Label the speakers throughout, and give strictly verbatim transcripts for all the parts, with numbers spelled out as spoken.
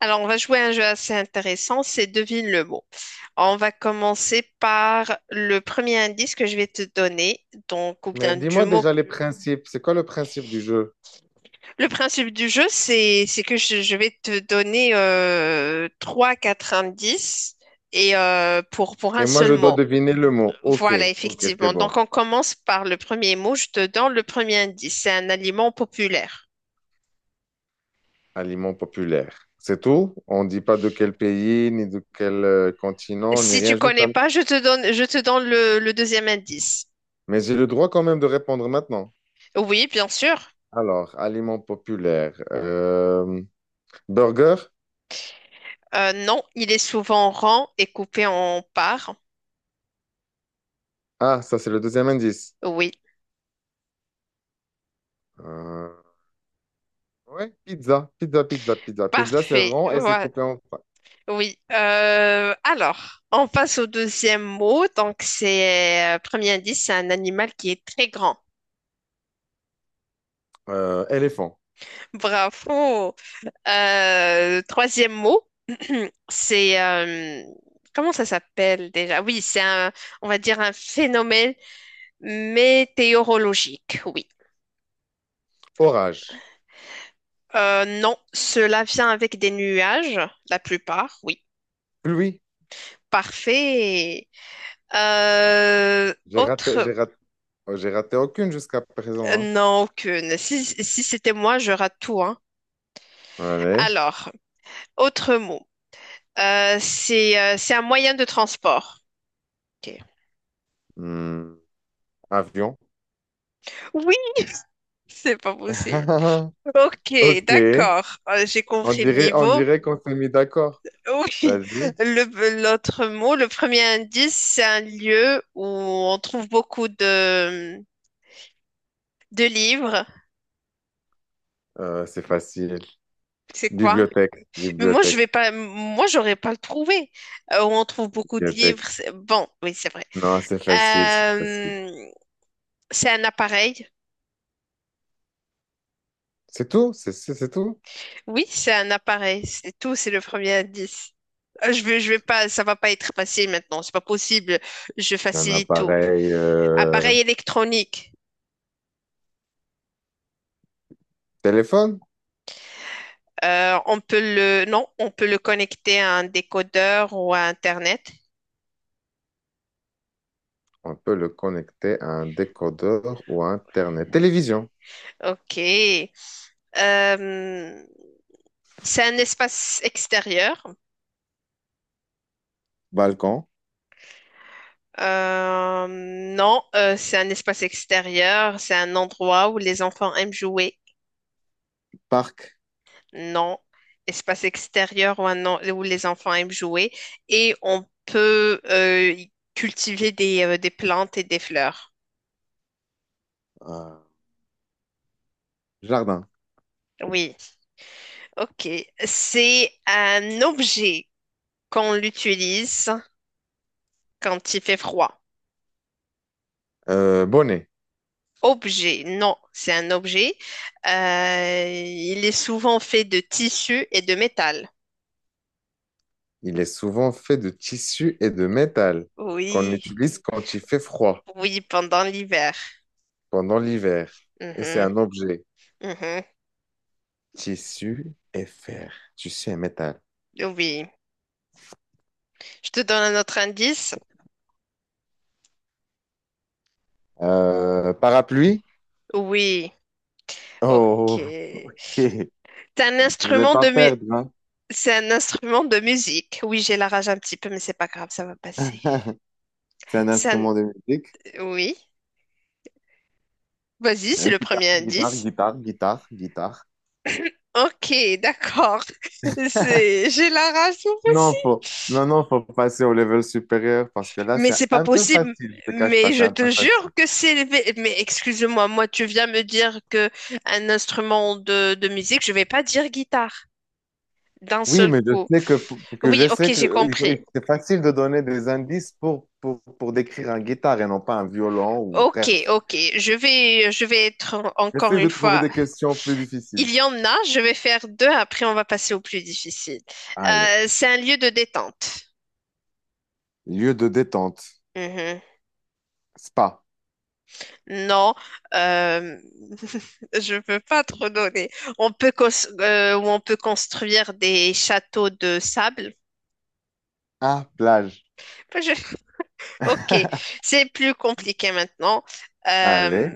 Speaker 1: Alors, on va jouer à un jeu assez intéressant, c'est devine le mot. On va commencer par le premier indice que je vais te donner, donc, ou
Speaker 2: Mais
Speaker 1: bien du
Speaker 2: dis-moi
Speaker 1: mot.
Speaker 2: déjà les principes. C'est quoi le principe du jeu?
Speaker 1: Le principe du jeu, c'est, c'est que je, je vais te donner euh, trois, quatre indices et euh, pour, pour un
Speaker 2: Et moi,
Speaker 1: seul
Speaker 2: je dois
Speaker 1: mot.
Speaker 2: deviner le mot. OK,
Speaker 1: Voilà,
Speaker 2: OK, c'est
Speaker 1: effectivement.
Speaker 2: bon.
Speaker 1: Donc, on commence par le premier mot. Je te donne le premier indice. C'est un aliment populaire.
Speaker 2: Aliment populaire. C'est tout? On ne dit pas de quel pays, ni de quel euh, continent, ni
Speaker 1: Si tu
Speaker 2: rien, juste
Speaker 1: connais
Speaker 2: un-
Speaker 1: pas, je te donne, je te donne le le deuxième indice.
Speaker 2: Mais j'ai le droit quand même de répondre maintenant.
Speaker 1: Oui, bien sûr.
Speaker 2: Alors, aliment populaire. Euh, burger?
Speaker 1: Euh, non, il est souvent rond et coupé en parts.
Speaker 2: Ah, ça, c'est le deuxième indice.
Speaker 1: Oui,
Speaker 2: Euh, ouais, pizza, pizza, pizza, pizza. Pizza, c'est
Speaker 1: parfait.
Speaker 2: rond et c'est
Speaker 1: Ouais,
Speaker 2: coupé en...
Speaker 1: oui. Euh, alors, on passe au deuxième mot. Donc, c'est euh, premier indice, c'est un animal qui est très grand.
Speaker 2: Euh, éléphant.
Speaker 1: Bravo. Euh, troisième mot, c'est euh, comment ça s'appelle déjà? Oui, c'est un, on va dire un phénomène météorologique. Oui.
Speaker 2: Orage.
Speaker 1: Euh, non, cela vient avec des nuages, la plupart. Oui.
Speaker 2: Pluie.
Speaker 1: Parfait. Euh,
Speaker 2: J'ai raté,
Speaker 1: autre,
Speaker 2: j'ai raté Oh, j'ai raté aucune jusqu'à présent,
Speaker 1: euh,
Speaker 2: hein.
Speaker 1: non, aucune. Si, si c'était moi, je rate tout, hein.
Speaker 2: Allez.
Speaker 1: Alors, autre mot. Euh, c'est euh, c'est un moyen de transport. Ok.
Speaker 2: Hmm, avion.
Speaker 1: Oui, c'est pas possible. Ok,
Speaker 2: Ok.
Speaker 1: d'accord. Euh, j'ai
Speaker 2: On
Speaker 1: compris le
Speaker 2: dirait, on
Speaker 1: niveau.
Speaker 2: dirait qu'on s'est mis d'accord.
Speaker 1: Oui.
Speaker 2: Vas-y.
Speaker 1: Le, l'autre mot, le premier indice, c'est un lieu où on trouve beaucoup de, de livres.
Speaker 2: Euh, c'est facile.
Speaker 1: C'est quoi?
Speaker 2: Bibliothèque,
Speaker 1: Mais moi, je vais
Speaker 2: bibliothèque,
Speaker 1: pas, moi, j'aurais pas le trouvé. Euh, on trouve beaucoup de livres.
Speaker 2: bibliothèque.
Speaker 1: C'est... Bon, oui, c'est vrai.
Speaker 2: Non, c'est facile, c'est facile.
Speaker 1: Euh, c'est un appareil.
Speaker 2: C'est tout? C'est c'est- c'est tout?
Speaker 1: Oui, c'est un appareil. C'est tout. C'est le premier indice. Euh, Je vais, je vais pas, ça va pas être facile maintenant. C'est pas possible. Je
Speaker 2: Un
Speaker 1: facilite tout.
Speaker 2: appareil euh,
Speaker 1: Appareil électronique.
Speaker 2: téléphone?
Speaker 1: Euh, on peut le, non, on peut le connecter à un décodeur ou à Internet.
Speaker 2: On peut le connecter à un décodeur ou à Internet. Télévision,
Speaker 1: Ok. Euh, c'est un espace extérieur.
Speaker 2: balcon,
Speaker 1: Euh, non, euh, c'est un espace extérieur, c'est un endroit où les enfants aiment jouer.
Speaker 2: parc,
Speaker 1: Non, espace extérieur où, un en- où les enfants aiment jouer. Et on peut euh, y cultiver des, euh, des plantes et des fleurs.
Speaker 2: euh, jardin,
Speaker 1: Oui, ok. C'est un objet qu'on l'utilise quand il fait froid.
Speaker 2: Euh, bonnet.
Speaker 1: Objet, non, c'est un objet. Euh, il est souvent fait de tissu et de métal.
Speaker 2: Il est souvent fait de tissu et de métal qu'on
Speaker 1: Oui.
Speaker 2: utilise quand il fait froid
Speaker 1: Oui, pendant l'hiver.
Speaker 2: pendant l'hiver. Et c'est
Speaker 1: Mhm,
Speaker 2: un objet.
Speaker 1: mhm.
Speaker 2: Tissu et fer. Tissu et métal.
Speaker 1: Oui. Je te donne un autre indice.
Speaker 2: Euh, parapluie?
Speaker 1: Oui. Ok.
Speaker 2: Oh,
Speaker 1: C'est
Speaker 2: ok.
Speaker 1: un
Speaker 2: Je vais
Speaker 1: instrument
Speaker 2: pas
Speaker 1: de mu-
Speaker 2: perdre, hein.
Speaker 1: C'est un instrument de musique. Oui, j'ai la rage un petit peu, mais c'est pas grave, ça va passer.
Speaker 2: C'est un
Speaker 1: C'est un-
Speaker 2: instrument de musique.
Speaker 1: Oui. Vas-y, c'est
Speaker 2: Euh,
Speaker 1: le premier
Speaker 2: guitare, guitare,
Speaker 1: indice.
Speaker 2: guitare, guitare, guitare.
Speaker 1: Ok, d'accord. C'est... J'ai la rage moi aussi.
Speaker 2: Non, faut, non, non, faut passer au level supérieur parce que là,
Speaker 1: Mais
Speaker 2: c'est
Speaker 1: c'est pas
Speaker 2: un peu
Speaker 1: possible.
Speaker 2: facile. Je te cache pas,
Speaker 1: Mais
Speaker 2: c'est
Speaker 1: je
Speaker 2: un peu
Speaker 1: te jure
Speaker 2: facile.
Speaker 1: que c'est le vé- Mais excuse-moi, moi tu viens me dire que un instrument de, de musique, je vais pas dire guitare. D'un
Speaker 2: Oui,
Speaker 1: seul
Speaker 2: mais je
Speaker 1: coup.
Speaker 2: sais que, que
Speaker 1: Oui,
Speaker 2: je
Speaker 1: ok,
Speaker 2: sais que
Speaker 1: j'ai
Speaker 2: euh, il
Speaker 1: compris.
Speaker 2: faut- c'est facile de donner des indices pour, pour, pour décrire un guitare et non pas un violon ou
Speaker 1: Ok,
Speaker 2: bref.
Speaker 1: ok, je vais, je vais être en- encore
Speaker 2: J'essaie
Speaker 1: une
Speaker 2: de trouver
Speaker 1: fois.
Speaker 2: des questions plus
Speaker 1: Il
Speaker 2: difficiles.
Speaker 1: y en a, je vais faire deux, après on va passer au plus difficile.
Speaker 2: Allez,
Speaker 1: Euh, c'est un lieu de détente.
Speaker 2: lieu de détente,
Speaker 1: Mhm.
Speaker 2: spa,
Speaker 1: Non, euh, je peux pas trop donner. On peut cons- euh, ou on peut construire des châteaux de sable.
Speaker 2: ah, plage.
Speaker 1: Je... Ok, c'est plus compliqué maintenant.
Speaker 2: Allez,
Speaker 1: Euh,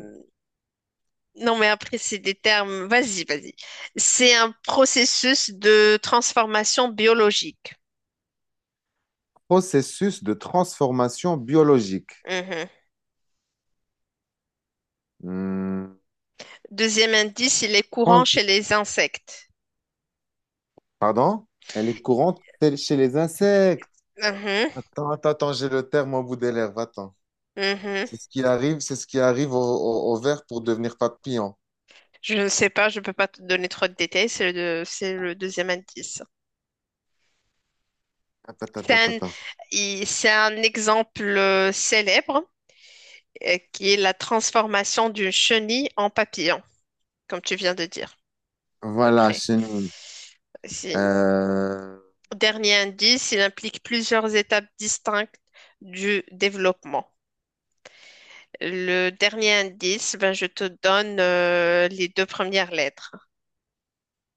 Speaker 1: Non, mais après, c'est des termes. Vas-y, vas-y. C'est un processus de transformation biologique.
Speaker 2: processus de transformation biologique.
Speaker 1: Mhm.
Speaker 2: Hmm,
Speaker 1: Deuxième indice, il est courant
Speaker 2: tran-
Speaker 1: chez les insectes.
Speaker 2: Pardon? Elle est courante chez chez les insectes.
Speaker 1: Mhm,
Speaker 2: Attends, attends, attends, j'ai le terme au bout des lèvres. Attends.
Speaker 1: mhm.
Speaker 2: C'est ce qui arrive, c'est ce qui arrive au, au, au ver pour devenir papillon.
Speaker 1: Je ne sais pas, je ne peux pas te donner trop de détails. C'est le, c'est le deuxième indice.
Speaker 2: Attends,
Speaker 1: C'est
Speaker 2: attends, attends,
Speaker 1: un,
Speaker 2: attends.
Speaker 1: il- c'est un exemple euh, célèbre euh, qui est la transformation d'une chenille en papillon, comme tu viens de dire, à peu
Speaker 2: Voilà,
Speaker 1: près.
Speaker 2: chenille. Euh...
Speaker 1: Dernier indice, il implique plusieurs étapes distinctes du développement. Le dernier indice, ben, je te donne euh, les deux premières lettres.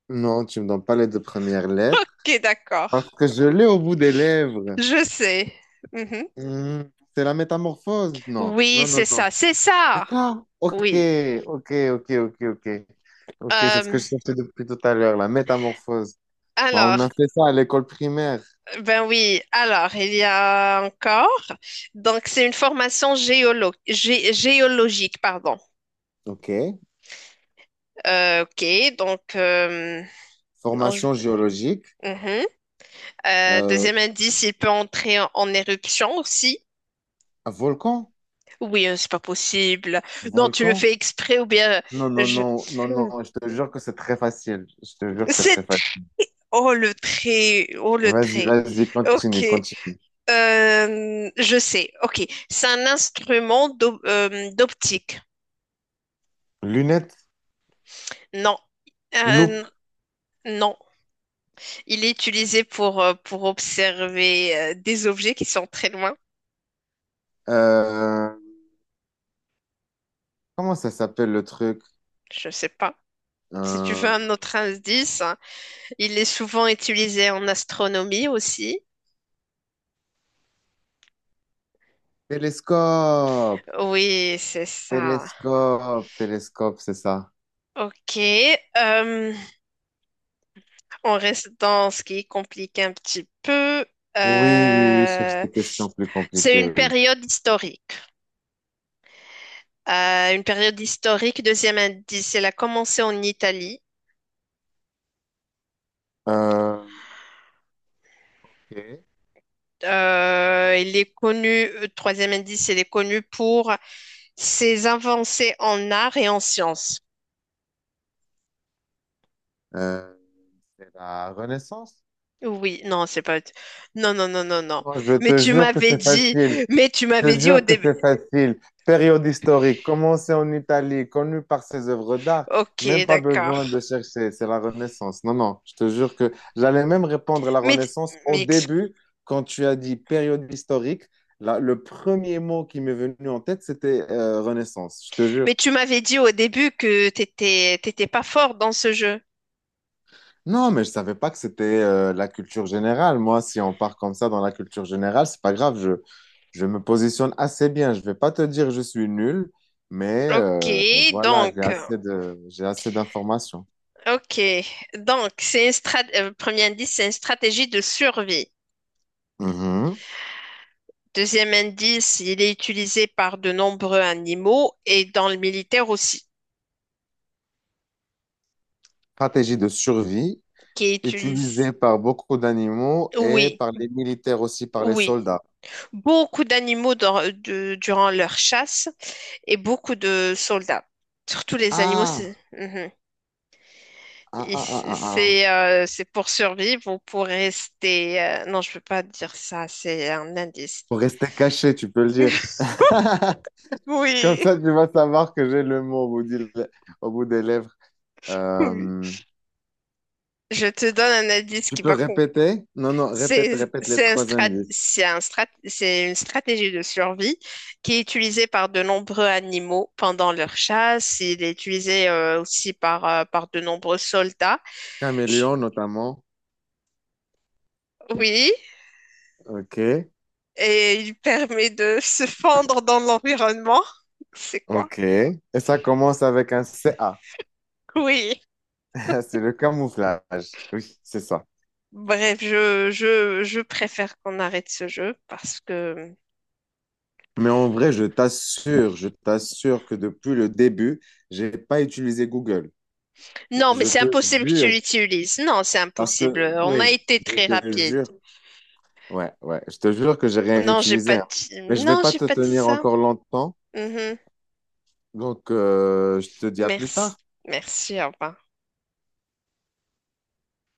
Speaker 2: Non, tu me donnes pas les deux premières lettres.
Speaker 1: Ok, d'accord.
Speaker 2: Parce que je l'ai au bout des lèvres.
Speaker 1: Je sais. Mhm.
Speaker 2: Hmm, c'est la métamorphose? Non,
Speaker 1: Oui,
Speaker 2: non,
Speaker 1: c'est
Speaker 2: non,
Speaker 1: ça,
Speaker 2: non.
Speaker 1: c'est ça.
Speaker 2: C'est ça? Ok,
Speaker 1: Oui.
Speaker 2: ok, ok, ok, ok. Ok, c'est ce
Speaker 1: Euh,
Speaker 2: que je cherchais depuis tout à l'heure, la métamorphose. Bah, on
Speaker 1: alors,
Speaker 2: a fait ça à l'école primaire.
Speaker 1: ben oui, alors, il y a encore. Donc, c'est une formation géolo- gé- géologique, pardon.
Speaker 2: Ok.
Speaker 1: Euh, ok, donc, euh, non, je...
Speaker 2: Formation géologique.
Speaker 1: Mhm. Euh,
Speaker 2: Euh,
Speaker 1: deuxième indice, il peut entrer en, en éruption aussi.
Speaker 2: un volcan?
Speaker 1: Oui, euh, c'est pas possible. Non, tu le
Speaker 2: Volcan?
Speaker 1: fais exprès ou bien
Speaker 2: Non,
Speaker 1: euh,
Speaker 2: non,
Speaker 1: je.
Speaker 2: non, non, non. Je te jure que c'est très facile. Je te jure que c'est
Speaker 1: C'est
Speaker 2: très facile.
Speaker 1: oh le trait, oh le
Speaker 2: Vas-y,
Speaker 1: trait.
Speaker 2: vas-y,
Speaker 1: Ok,
Speaker 2: continue, continue.
Speaker 1: Euh, je sais. Ok, c'est un instrument d'op- euh, d'optique.
Speaker 2: Lunettes,
Speaker 1: Non, Euh,
Speaker 2: loupe.
Speaker 1: non. Il est utilisé pour euh, pour observer euh, des objets qui sont très loin.
Speaker 2: euh, comment ça s'appelle le truc?
Speaker 1: Je sais pas. Si tu veux
Speaker 2: Un
Speaker 1: un autre indice, hein. Il est souvent utilisé en astronomie aussi.
Speaker 2: télescope,
Speaker 1: Oui, c'est ça.
Speaker 2: télescope, télescope, c'est ça.
Speaker 1: Ok. euh, on reste dans ce qui complique un petit peu.
Speaker 2: Oui, oui, oui, je cherche
Speaker 1: Euh,
Speaker 2: des questions plus
Speaker 1: c'est
Speaker 2: compliquées,
Speaker 1: une
Speaker 2: oui.
Speaker 1: période historique. Euh, une période historique, deuxième indice, elle a commencé en Italie.
Speaker 2: Euh, ok.
Speaker 1: Euh, il est connu, euh, troisième indice, il est connu pour ses avancées en art et en sciences.
Speaker 2: Euh, c'est la Renaissance?
Speaker 1: Oui, non, c'est pas. Non, non, non, non, non.
Speaker 2: Moi, je
Speaker 1: Mais
Speaker 2: te
Speaker 1: tu
Speaker 2: jure que
Speaker 1: m'avais
Speaker 2: c'est
Speaker 1: dit,
Speaker 2: facile.
Speaker 1: mais tu
Speaker 2: Je
Speaker 1: m'avais dit au
Speaker 2: jure que
Speaker 1: début.
Speaker 2: c'est facile. Période historique, commencée en Italie, connue par ses œuvres d'art. Même
Speaker 1: Ok,
Speaker 2: pas besoin
Speaker 1: d'accord.
Speaker 2: de chercher, c'est la Renaissance. Non, non, je te jure que j'allais même répondre à la
Speaker 1: Mais,
Speaker 2: Renaissance au
Speaker 1: mais, ex-
Speaker 2: début, quand tu as dit période historique. Là, le premier mot qui m'est venu en tête, c'était euh, Renaissance, je te jure.
Speaker 1: mais tu m'avais dit au début que t'étais, t'étais pas fort dans ce jeu.
Speaker 2: Non, mais je savais pas que c'était euh, la culture générale. Moi, si on part comme ça dans la culture générale, c'est pas grave. Je, je me positionne assez bien. Je vais pas te dire je suis nul, mais
Speaker 1: Ok,
Speaker 2: euh, voilà, j'ai
Speaker 1: donc,
Speaker 2: assez de, j'ai assez d'informations.
Speaker 1: ok, donc c'est une strat- euh, premier indice, c'est une stratégie de survie.
Speaker 2: Mhm.
Speaker 1: Deuxième indice, il est utilisé par de nombreux animaux et dans le militaire aussi,
Speaker 2: Stratégie de survie
Speaker 1: qui est
Speaker 2: utilisée
Speaker 1: utilisé.
Speaker 2: par beaucoup d'animaux et
Speaker 1: Oui,
Speaker 2: par les militaires aussi, par les
Speaker 1: oui.
Speaker 2: soldats.
Speaker 1: Beaucoup d'animaux dans- de- durant leur chasse et beaucoup de soldats. Surtout les animaux,
Speaker 2: Ah,
Speaker 1: c'est mhm.
Speaker 2: ah,
Speaker 1: Et
Speaker 2: ah, ah,
Speaker 1: c-
Speaker 2: ah, ah.
Speaker 1: c'est euh, c'est pour survivre ou pour rester. euh, Non, je peux pas dire ça, c'est un indice.
Speaker 2: Pour rester caché, tu peux le dire. Comme
Speaker 1: Oui,
Speaker 2: ça, tu vas savoir que j'ai le mot au bout du- au bout des lèvres.
Speaker 1: oui.
Speaker 2: Euh,
Speaker 1: Je te donne un indice
Speaker 2: tu
Speaker 1: qui
Speaker 2: peux
Speaker 1: va con.
Speaker 2: répéter? Non, non, répète,
Speaker 1: C'est
Speaker 2: répète les
Speaker 1: c'est un
Speaker 2: trois
Speaker 1: strat...
Speaker 2: indices.
Speaker 1: c'est un strat... c'est une stratégie de survie qui est utilisée par de nombreux animaux pendant leur chasse. Il est utilisé euh, aussi par euh, par de nombreux soldats. Je...
Speaker 2: Caméléon notamment.
Speaker 1: Oui,
Speaker 2: OK,
Speaker 1: et il permet de se fondre dans l'environnement. C'est quoi?
Speaker 2: OK. Et ça commence avec un C. CA.
Speaker 1: Oui.
Speaker 2: C'est le camouflage. Oui, c'est ça.
Speaker 1: Bref, je, je, je préfère qu'on arrête ce jeu parce que...
Speaker 2: Mais en vrai, je t'assure, je t'assure que depuis le début, j'ai pas utilisé Google.
Speaker 1: Non, mais
Speaker 2: Je
Speaker 1: c'est
Speaker 2: te
Speaker 1: impossible que tu
Speaker 2: jure,
Speaker 1: l'utilises. Non, c'est
Speaker 2: parce
Speaker 1: impossible.
Speaker 2: que,
Speaker 1: On
Speaker 2: oui,
Speaker 1: a été
Speaker 2: je
Speaker 1: très
Speaker 2: te
Speaker 1: rapide.
Speaker 2: jure. Ouais, ouais, je te jure que j'ai rien
Speaker 1: Non, j'ai
Speaker 2: utilisé,
Speaker 1: pas
Speaker 2: hein.
Speaker 1: dit...
Speaker 2: Mais je vais
Speaker 1: Non,
Speaker 2: pas
Speaker 1: j'ai
Speaker 2: te
Speaker 1: pas dit
Speaker 2: tenir
Speaker 1: ça.
Speaker 2: encore longtemps.
Speaker 1: Mhm.
Speaker 2: Donc, euh, je te dis à plus
Speaker 1: Merci.
Speaker 2: tard.
Speaker 1: Merci, au revoir.